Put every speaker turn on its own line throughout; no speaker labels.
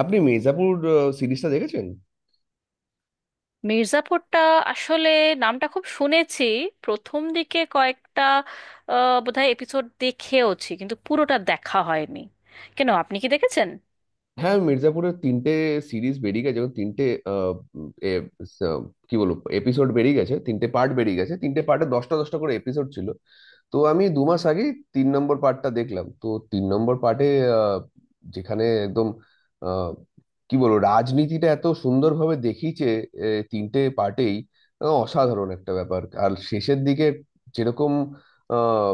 আপনি মির্জাপুর সিরিজটা দেখেছেন?
মির্জাপুরটা আসলে নামটা খুব শুনেছি। প্রথম দিকে কয়েকটা বোধহয় এপিসোড দেখেওছি, কিন্তু পুরোটা দেখা হয়নি। কেন, আপনি কি দেখেছেন?
হ্যাঁ, মির্জাপুরের তিনটে সিরিজ বেরিয়ে গেছে এবং তিনটে আহ, উম, এ, স, কি বলবো এপিসোড বেরিয়ে গেছে, তিনটে পার্ট বেরিয়ে গেছে, তিনটে পার্টে 10টা 10টা করে এপিসোড ছিল। তো আমি 2 মাস আগে 3 নম্বর পার্টটা দেখলাম। তো 3 নম্বর পার্টে যেখানে একদম আহ, কি বলবো, রাজনীতিটা এত সুন্দরভাবে দেখিয়েছে, এ, তিনটে পার্টেই অসাধারণ একটা ব্যাপার। আর শেষের দিকে যেরকম আহ,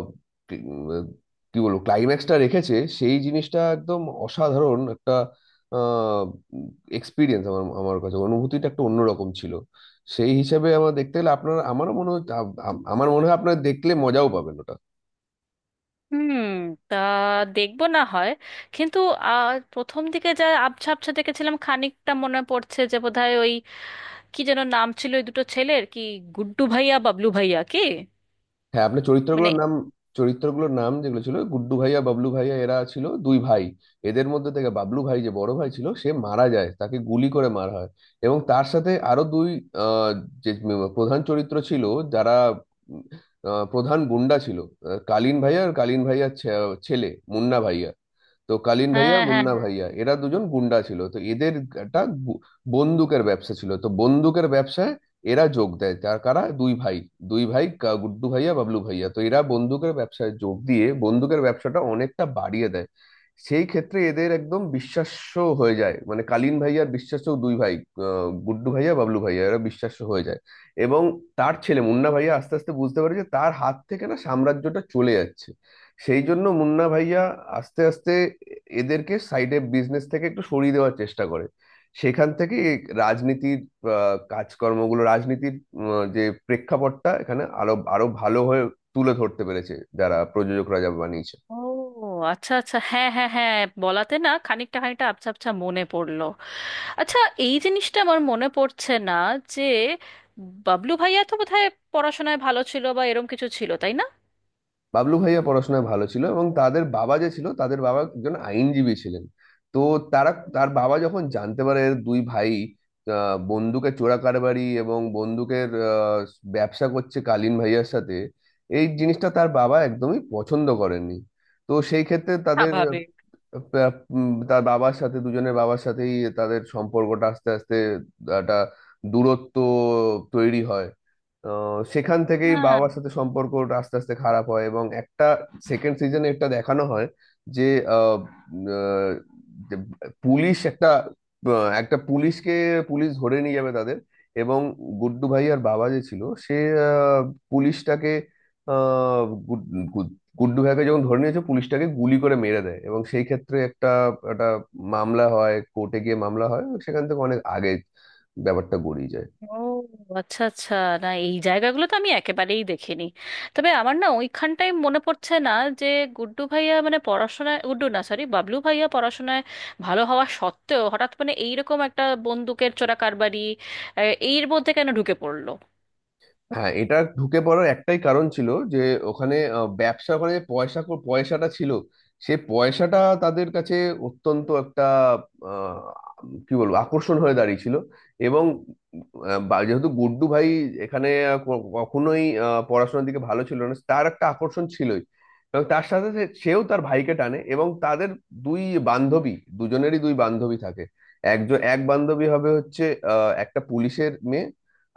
কি উম, কি বলবো ক্লাইম্যাক্সটা রেখেছে সেই জিনিসটা একদম অসাধারণ একটা এক্সপিরিয়েন্স। আমার আমার কাছে অনুভূতিটা একটা অন্যরকম ছিল। সেই হিসাবে আমার দেখতে গেলে আপনার আমারও মনে হয় আমার মনে হয় আপনার দেখলে মজাও পাবেন ওটা।
হুম। তা দেখবো না হয়, কিন্তু প্রথম দিকে যা আবছা আবছা দেখেছিলাম খানিকটা মনে পড়ছে যে বোধহয় ওই কি যেন নাম ছিল ওই দুটো ছেলের, কি গুড্ডু ভাইয়া বাবলু ভাইয়া কি?
হ্যাঁ আপনার
মানে,
চরিত্রগুলোর নাম, যেগুলো ছিল গুড্ডু ভাইয়া বাবলু ভাইয়া, এরা ছিল দুই ভাই। এদের মধ্যে থেকে বাবলু ভাই, যে বড় ভাই ছিল, সে মারা যায়, তাকে গুলি করে মারা হয়। এবং তার সাথে আরো দুই আহ, যে প্রধান চরিত্র ছিল, যারা উম, প্রধান গুন্ডা ছিল, কালীন ভাইয়া আর কালীন ভাইয়ার ছেলে মুন্না ভাইয়া। তো কালীন ভাইয়া আর
হ্যাঁ হ্যাঁ
মুন্না
হ্যাঁ।
ভাইয়া, এরা দুজন গুন্ডা ছিল, তো এদের একটা বন্দুকের ব্যবসা ছিল। তো বন্দুকের ব্যবসায় এরা যোগ দেয়, তার কারা দুই ভাই, দুই ভাই গুড্ডু ভাইয়া বাবলু ভাইয়া। তো এরা বন্দুকের ব্যবসায় যোগ দিয়ে বন্দুকের ব্যবসাটা অনেকটা বাড়িয়ে দেয়। সেই ক্ষেত্রে এদের একদম বিশ্বাস্য হয়ে যায়, মানে কালীন ভাইয়ার বিশ্বাস্য দুই ভাই গুড্ডু ভাইয়া বাবলু ভাইয়া, এরা বিশ্বাস্য হয়ে যায়। এবং তার ছেলে মুন্না ভাইয়া আস্তে আস্তে বুঝতে পারে যে তার হাত থেকে না সাম্রাজ্যটা চলে যাচ্ছে। সেই জন্য মুন্না ভাইয়া আস্তে আস্তে এদেরকে সাইডে, বিজনেস থেকে একটু সরিয়ে দেওয়ার চেষ্টা করে। সেখান থেকে এই রাজনীতির কাজকর্মগুলো, রাজনীতির যে প্রেক্ষাপটটা, এখানে আরো আরো ভালো হয়ে তুলে ধরতে পেরেছে যারা প্রযোজকরা, যা বানিয়েছে।
ও আচ্ছা আচ্ছা, হ্যাঁ হ্যাঁ হ্যাঁ। বলাতে না খানিকটা খানিকটা আবছা আবছা মনে পড়লো। আচ্ছা, এই জিনিসটা আমার মনে পড়ছে না যে বাবলু ভাইয়া তো বোধহয় পড়াশোনায় ভালো ছিল বা এরম কিছু ছিল, তাই না?
বাবলু ভাইয়া পড়াশোনায় ভালো ছিল এবং তাদের বাবা যে ছিল, তাদের বাবা একজন আইনজীবী ছিলেন। তো তারা তার বাবা যখন জানতে পারে এর দুই ভাই বন্দুকের চোরা কারবারি এবং বন্দুকের ব্যবসা করছে কালীন ভাইয়ার সাথে, এই জিনিসটা তার বাবা একদমই পছন্দ করেননি। তো সেই ক্ষেত্রে তাদের
স্বাভাবিক।
তার বাবার সাথে, দুজনের বাবার সাথেই তাদের সম্পর্কটা আস্তে আস্তে একটা দূরত্ব তৈরি হয়। সেখান থেকেই
হ্যাঁ।
বাবার সাথে সম্পর্কটা আস্তে আস্তে খারাপ হয়, এবং একটা সেকেন্ড সিজনে একটা দেখানো হয়, যে আহ, উম, আহ, যে পুলিশ একটা একটা পুলিশকে, পুলিশ ধরে নিয়ে যাবে তাদের। এবং গুড্ডু ভাই আর বাবা যে ছিল সে আহ, পুলিশটাকে আহ, গুড- গুড- গুড্ডু ভাইকে যখন ধরে নিয়েছে, পুলিশটাকে গুলি করে মেরে দেয়। এবং সেই ক্ষেত্রে একটা একটা মামলা হয়, কোর্টে গিয়ে মামলা হয়, সেখান থেকে অনেক আগে ব্যাপারটা গড়িয়ে যায়।
ও আচ্ছা আচ্ছা, না এই জায়গাগুলো তো আমি একেবারেই দেখিনি। তবে আমার না ওইখানটাই মনে পড়ছে না যে গুড্ডু ভাইয়া মানে পড়াশোনায়, গুড্ডু না সরি বাবলু ভাইয়া পড়াশোনায় ভালো হওয়া সত্ত্বেও হঠাৎ মানে এইরকম একটা বন্দুকের চোরাকারবারি আহ, এর মধ্যে কেন ঢুকে পড়লো?
হ্যাঁ, এটা ঢুকে পড়ার একটাই কারণ ছিল, যে ওখানে ব্যবসা করে যে পয়সা পয়সাটা ছিল, সে পয়সাটা তাদের কাছে অত্যন্ত একটা আহ, কি বলবো আকর্ষণ হয়ে দাঁড়িয়েছিল। এবং যেহেতু গুড্ডু ভাই এখানে কখনোই পড়াশোনার দিকে ভালো ছিল না, তার একটা আকর্ষণ ছিলই। এবং তার সাথে সেও তার ভাইকে টানে। এবং তাদের দুই বান্ধবী, দুজনেরই দুই বান্ধবী থাকে। একজন এক বান্ধবী হবে, হচ্ছে একটা পুলিশের মেয়ে।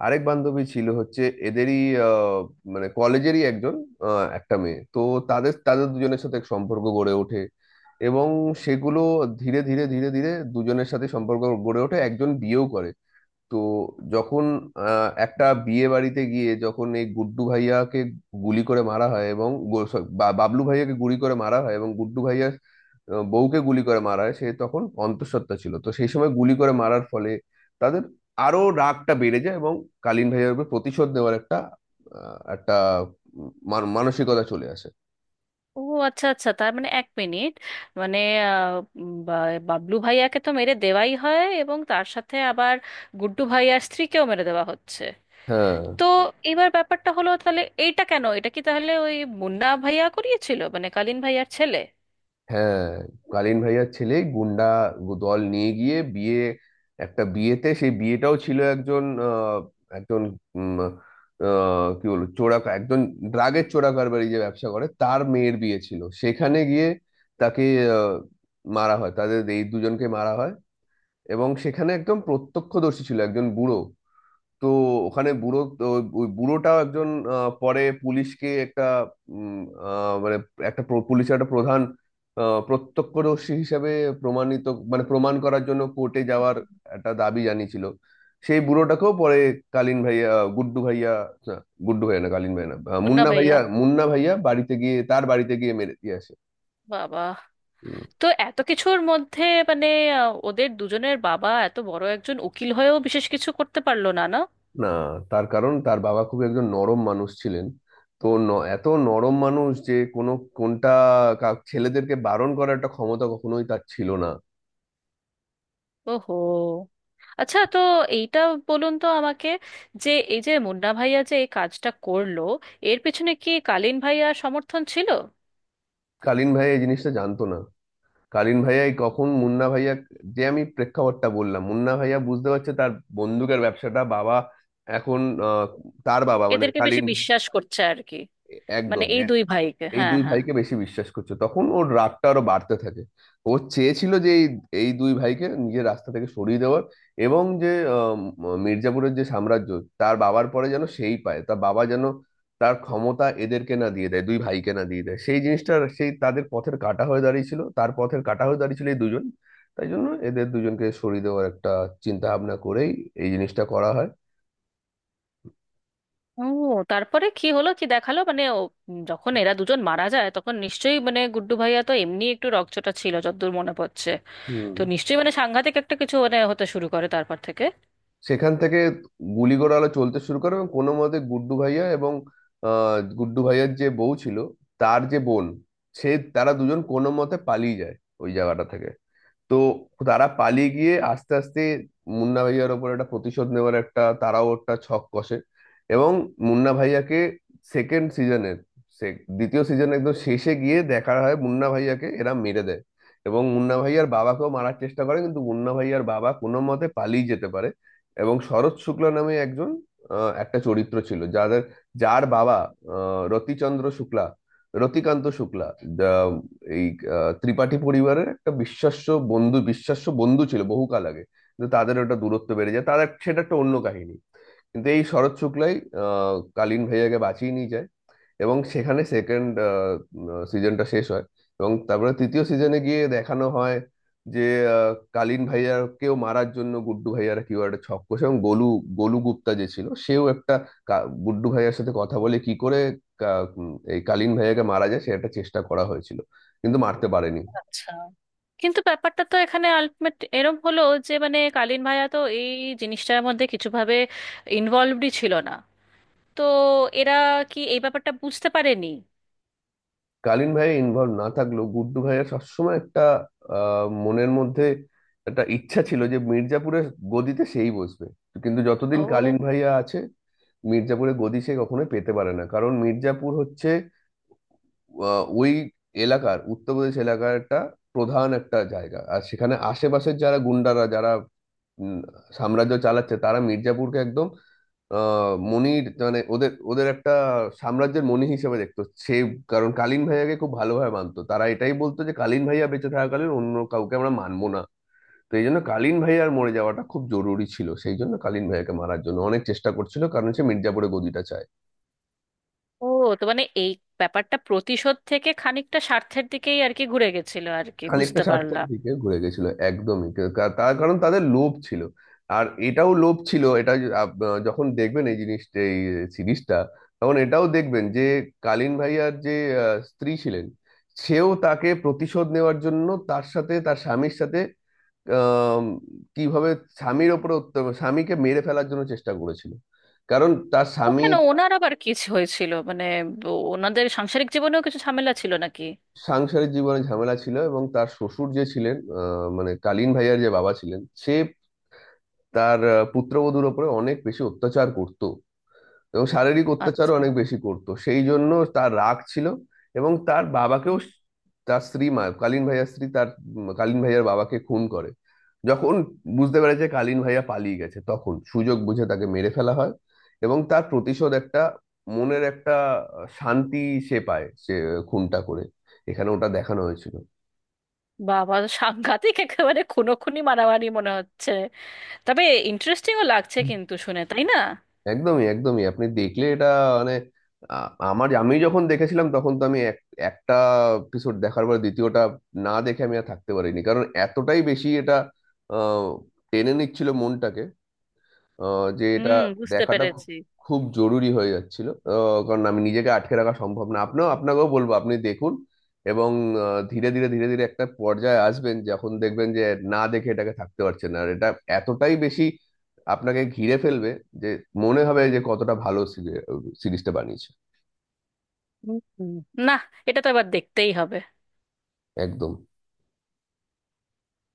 আরেক বান্ধবী ছিল, হচ্ছে এদেরই আহ, মানে কলেজেরই একজন একটা মেয়ে। তো তাদের তাদের দুজনের সাথে এক সম্পর্ক গড়ে ওঠে। এবং সেগুলো ধীরে ধীরে দুজনের সাথে সম্পর্ক গড়ে ওঠে, একজন বিয়েও করে। তো যখন একটা বিয়ে বাড়িতে গিয়ে, যখন এই গুড্ডু ভাইয়াকে গুলি করে মারা হয়, এবং বাবলু ভাইয়াকে গুলি করে মারা হয়, এবং গুড্ডু ভাইয়া বউকে গুলি করে মারা হয়, সে তখন অন্তঃসত্ত্বা ছিল, তো সেই সময় গুলি করে মারার ফলে তাদের আরো রাগটা বেড়ে যায়। এবং কালীন ভাইয়ার উপর প্রতিশোধ নেওয়ার একটা আহ, একটা উম, মান- মানসিকতা চলে আসে।
ও আচ্ছা আচ্ছা, তার মানে এক মিনিট, মানে আহ, বাবলু ভাইয়াকে তো মেরে দেওয়াই হয় এবং তার সাথে আবার গুড্ডু ভাইয়ার স্ত্রীকেও মেরে দেওয়া হচ্ছে।
হ্যাঁ,
তো এবার ব্যাপারটা হলো, তাহলে এইটা কেন? এটা কি তাহলে ওই মুন্না ভাইয়া করিয়েছিল, মানে কালীন ভাইয়ার ছেলে?
হ্যাঁ, কালীন ভাইয়ার ছেলে গুন্ডা দল নিয়ে গিয়ে বিয়ে, একটা বিয়েতে, সেই বিয়েটাও ছিল একজন একজন উম, কি বলবো চোরা, একজন ড্রাগের চোরা কারবারি, যে ব্যবসা করে তার মেয়ের বিয়ে ছিল। সেখানে গিয়ে তাকে আহ, মারা হয়, তাদের এই দুজনকে মারা হয়। এবং সেখানে একদম প্রত্যক্ষদর্শী ছিল একজন বুড়ো। তো ওখানে বুড়ো তো, ওই বুড়োটাও একজন পরে পুলিশকে একটা উম, মানে একটা পুলিশের একটা প্রধান প্রত্যক্ষদর্শী হিসেবে প্রমাণিত, মানে প্রমাণ করার জন্য কোর্টে যাওয়ার একটা দাবি জানিয়েছিল। সেই বুড়োটাকেও পরে কালীন ভাইয়া, গুড্ডু ভাইয়া, না, গুড্ডু ভাইয়া না, কালীন ভাইয়া না, আহ,
মুন্না
মুন্না
ভাইয়া।
ভাইয়া মুন্না ভাইয়া বাড়িতে গিয়ে, তার বাড়িতে গিয়ে মেরে দিয়ে আসে।
বাবা, তো এত কিছুর মধ্যে মানে ওদের দুজনের বাবা এত বড় একজন উকিল হয়েও বিশেষ কিছু করতে পারলো না, না?
না, তার কারণ তার বাবা খুব একজন নরম মানুষ ছিলেন। তো এত নরম মানুষ যে কোনো, কোনটা, ছেলেদেরকে বারণ করার একটা ক্ষমতা কখনোই তার ছিল না।
ওহো, আচ্ছা। তো এইটা বলুন তো আমাকে, যে এই যে মুন্না ভাইয়া যে এই কাজটা করলো, এর পেছনে কি কালীন ভাইয়ার সমর্থন ছিল?
কালীন ভাইয়া এই জিনিসটা জানতো না। কালীন ভাইয়াই কখন মুন্না ভাইয়া, যে আমি প্রেক্ষাপটটা বললাম, মুন্না ভাইয়া বুঝতে পারছে তার বন্দুকের ব্যবসাটা বাবা এখন, আহ, তার বাবা, মানে
এদেরকে বেশি
কালীন,
বিশ্বাস করছে আর কি, মানে
একদম
এই দুই ভাইকে,
এই
হ্যাঁ
দুই
হ্যাঁ।
ভাইকে বেশি বিশ্বাস করছে, তখন ওর রাগটা আরো বাড়তে থাকে। ও চেয়েছিল যে এই, এই দুই ভাইকে নিজের রাস্তা থেকে সরিয়ে দেওয়ার, এবং যে মির্জাপুরের যে সাম্রাজ্য, তার বাবার পরে যেন সেই পায়, তার বাবা যেন তার ক্ষমতা এদেরকে না দিয়ে দেয়, দুই ভাইকে না দিয়ে দেয়। সেই জিনিসটা সেই তাদের পথের কাঁটা হয়ে দাঁড়িয়েছিল, তার পথের কাঁটা হয়ে দাঁড়িয়েছিল এই দুজন। তাই জন্য এদের দুজনকে সরিয়ে দেওয়ার একটা চিন্তা ভাবনা করেই এই জিনিসটা করা হয়।
ও, তারপরে কি হলো কি দেখালো মানে? ও যখন এরা দুজন মারা যায় তখন নিশ্চয়ই মানে গুড্ডু ভাইয়া তো এমনি একটু রকচটা ছিল যতদূর মনে পড়ছে।
হুম,
তো নিশ্চয়ই মানে সাংঘাতিক একটা কিছু মানে হতে শুরু করে তারপর থেকে।
সেখান থেকে গুলিগোড়া আলো চলতে শুরু করে। এবং কোনো মতে গুড্ডু ভাইয়া এবং গুড্ডু ভাইয়ার যে বউ ছিল, তার যে বোন, সে, তারা দুজন কোনো মতে পালিয়ে যায় ওই জায়গাটা থেকে। তো তারা পালিয়ে গিয়ে আস্তে আস্তে মুন্না ভাইয়ার ওপর একটা প্রতিশোধ নেওয়ার একটা, তারাও একটা ছক কষে, এবং মুন্না ভাইয়াকে সেকেন্ড সিজনের, দ্বিতীয় সিজন একদম শেষে গিয়ে দেখা হয় মুন্না ভাইয়াকে এরা মেরে দেয়। এবং মুন্না ভাইয়ার বাবাকেও মারার চেষ্টা করে, কিন্তু মুন্না ভাইয়ার বাবা কোনো মতে পালিয়ে যেতে পারে। এবং শরৎ শুক্লা নামে একজন, একটা চরিত্র ছিল যাদের, যার বাবা আহ, রতিচন্দ্র শুক্লা রতিকান্ত শুক্লা, এই ত্রিপাঠী পরিবারের একটা বিশ্বাস্য বন্ধু, বিশ্বাস্য বন্ধু ছিল বহুকাল আগে। কিন্তু তাদের ওটা দূরত্ব বেড়ে যায় তাদের, সেটা একটা অন্য কাহিনী। কিন্তু এই শরৎ শুক্লাই কালীন ভাইয়াকে বাঁচিয়ে নিয়ে যায়, এবং সেখানে সেকেন্ড সিজনটা শেষ হয়। এবং তারপরে তৃতীয় সিজনে গিয়ে দেখানো হয় যে আহ, কালীন ভাইয়াকেও মারার জন্য গুড্ডু ভাইয়ারা কিউ একটা ছক কষে, এবং গোলু, গোলু গুপ্তা যে ছিল, সেও একটা গুড্ডু ভাইয়ার সাথে কথা বলে কি করে এই কালীন ভাইয়াকে মারা যায়, সে একটা চেষ্টা করা হয়েছিল কিন্তু মারতে পারেনি।
আচ্ছা, কিন্তু ব্যাপারটা তো এখানে আলটিমেট এরম হলো, যে মানে কালীন ভাইয়া তো এই জিনিসটার মধ্যে কিছুভাবে ইনভলভডই ছিল না। তো এরা কি এই ব্যাপারটা বুঝতে পারেনি?
কালীন ভাইয়া ইনভলভ না থাকলেও গুড্ডু ভাইয়ার সবসময় একটা মনের মধ্যে একটা ইচ্ছা ছিল যে মির্জাপুরের গদিতে সেই বসবে, কিন্তু যতদিন কালীন
ও।
ভাইয়া আছে, মির্জাপুরে গদি সে কখনোই পেতে পারে না। কারণ মির্জাপুর হচ্ছে ওই এলাকার, উত্তরপ্রদেশ এলাকার একটা প্রধান একটা জায়গা। আর সেখানে আশেপাশের যারা গুন্ডারা, যারা উম, সাম্রাজ্য চালাচ্ছে, তারা মির্জাপুরকে একদম আহ মনির মানে ওদের ওদের একটা সাম্রাজ্যের মনি হিসেবে দেখতো সে। কারণ কালীন ভাইয়াকে খুব ভালোভাবে মানতো তারা, এটাই বলতো যে কালীন ভাইয়া বেঁচে থাকাকালীন অন্য কাউকে আমরা মানবো না। তো এই জন্য কালীন ভাইয়ার মরে যাওয়াটা খুব জরুরি ছিল, সেই জন্য কালীন ভাইয়াকে মারার জন্য অনেক চেষ্টা করছিল, কারণ সে মির্জাপুরে গদিটা চায়।
ও তো মানে এই ব্যাপারটা প্রতিশোধ থেকে খানিকটা স্বার্থের দিকেই আর কি ঘুরে গেছিল আর কি,
খানিকটা
বুঝতে
স্বার্থের
পারলাম।
দিকে ঘুরে গেছিল একদমই, তার কারণ তাদের লোভ ছিল। আর এটাও লোভ ছিল, এটা যখন দেখবেন এই জিনিসটা, এই সিরিজটা, তখন এটাও দেখবেন যে কালীন ভাইয়ার যে স্ত্রী ছিলেন, সেও তাকে প্রতিশোধ নেওয়ার জন্য তার সাথে, তার স্বামীর সাথে আম, কিভাবে স্বামীর ওপরে স্বামীকে মেরে ফেলার জন্য চেষ্টা করেছিল। কারণ তার স্বামী
ওখানে ওনার আবার কি হয়েছিল মানে? ওনাদের সাংসারিক জীবনেও কিছু ঝামেলা ছিল নাকি?
সাংসারিক জীবনে ঝামেলা ছিল, এবং তার শ্বশুর যে ছিলেন, মানে কালীন ভাইয়ার যে বাবা ছিলেন, সে তার পুত্রবধূর উপরে অনেক বেশি অত্যাচার করত, এবং শারীরিক অত্যাচারও
আচ্ছা।
অনেক বেশি করত। সেই জন্য তার রাগ ছিল। এবং তার বাবাকেও তার স্ত্রী মা, কালীন ভাইয়ার স্ত্রী তার কালীন ভাইয়ার বাবাকে খুন করে। যখন বুঝতে পেরেছে কালীন ভাইয়া পালিয়ে গেছে, তখন সুযোগ বুঝে তাকে মেরে ফেলা হয়। এবং তার প্রতিশোধ একটা মনের একটা শান্তি সে পায়, সে খুনটা করে, এখানে ওটা দেখানো হয়েছিল।
বাবা, সাংঘাতিক একেবারে খুনোখুনি মারামারি মনে হচ্ছে। তবে ইন্টারেস্টিংও লাগছে কিন্তু শুনে, তাই না?
একদমই, একদমই, আপনি দেখলে এটা, মানে আ- আমার, আমি যখন দেখেছিলাম তখন তো আমি একটা এপিসোড দেখার পর দ্বিতীয়টা না দেখে আমি আর থাকতে পারিনি। কারণ এতটাই বেশি এটা আহ, টেনে নিচ্ছিল মনটাকে, যে এটা
হুম, বুঝতে
দেখাটা খুব
পেরেছি।
খুব জরুরি হয়ে যাচ্ছিল। কারণ আমি নিজেকে আটকে রাখা সম্ভব না, আপনিও, আপনাকেও বলবো আপনি দেখুন। এবং ধীরে ধীরে একটা পর্যায়ে আসবেন, যখন দেখবেন যে না দেখে এটাকে থাকতে পারছেন না। আর এটা এতটাই বেশি আপনাকে ঘিরে ফেলবে, যে মনে হবে যে কতটা ভালো সিরিজটা বানিয়েছে।
হুম। হুম। না, এটা তো এবার দেখতেই হবে।
একদম।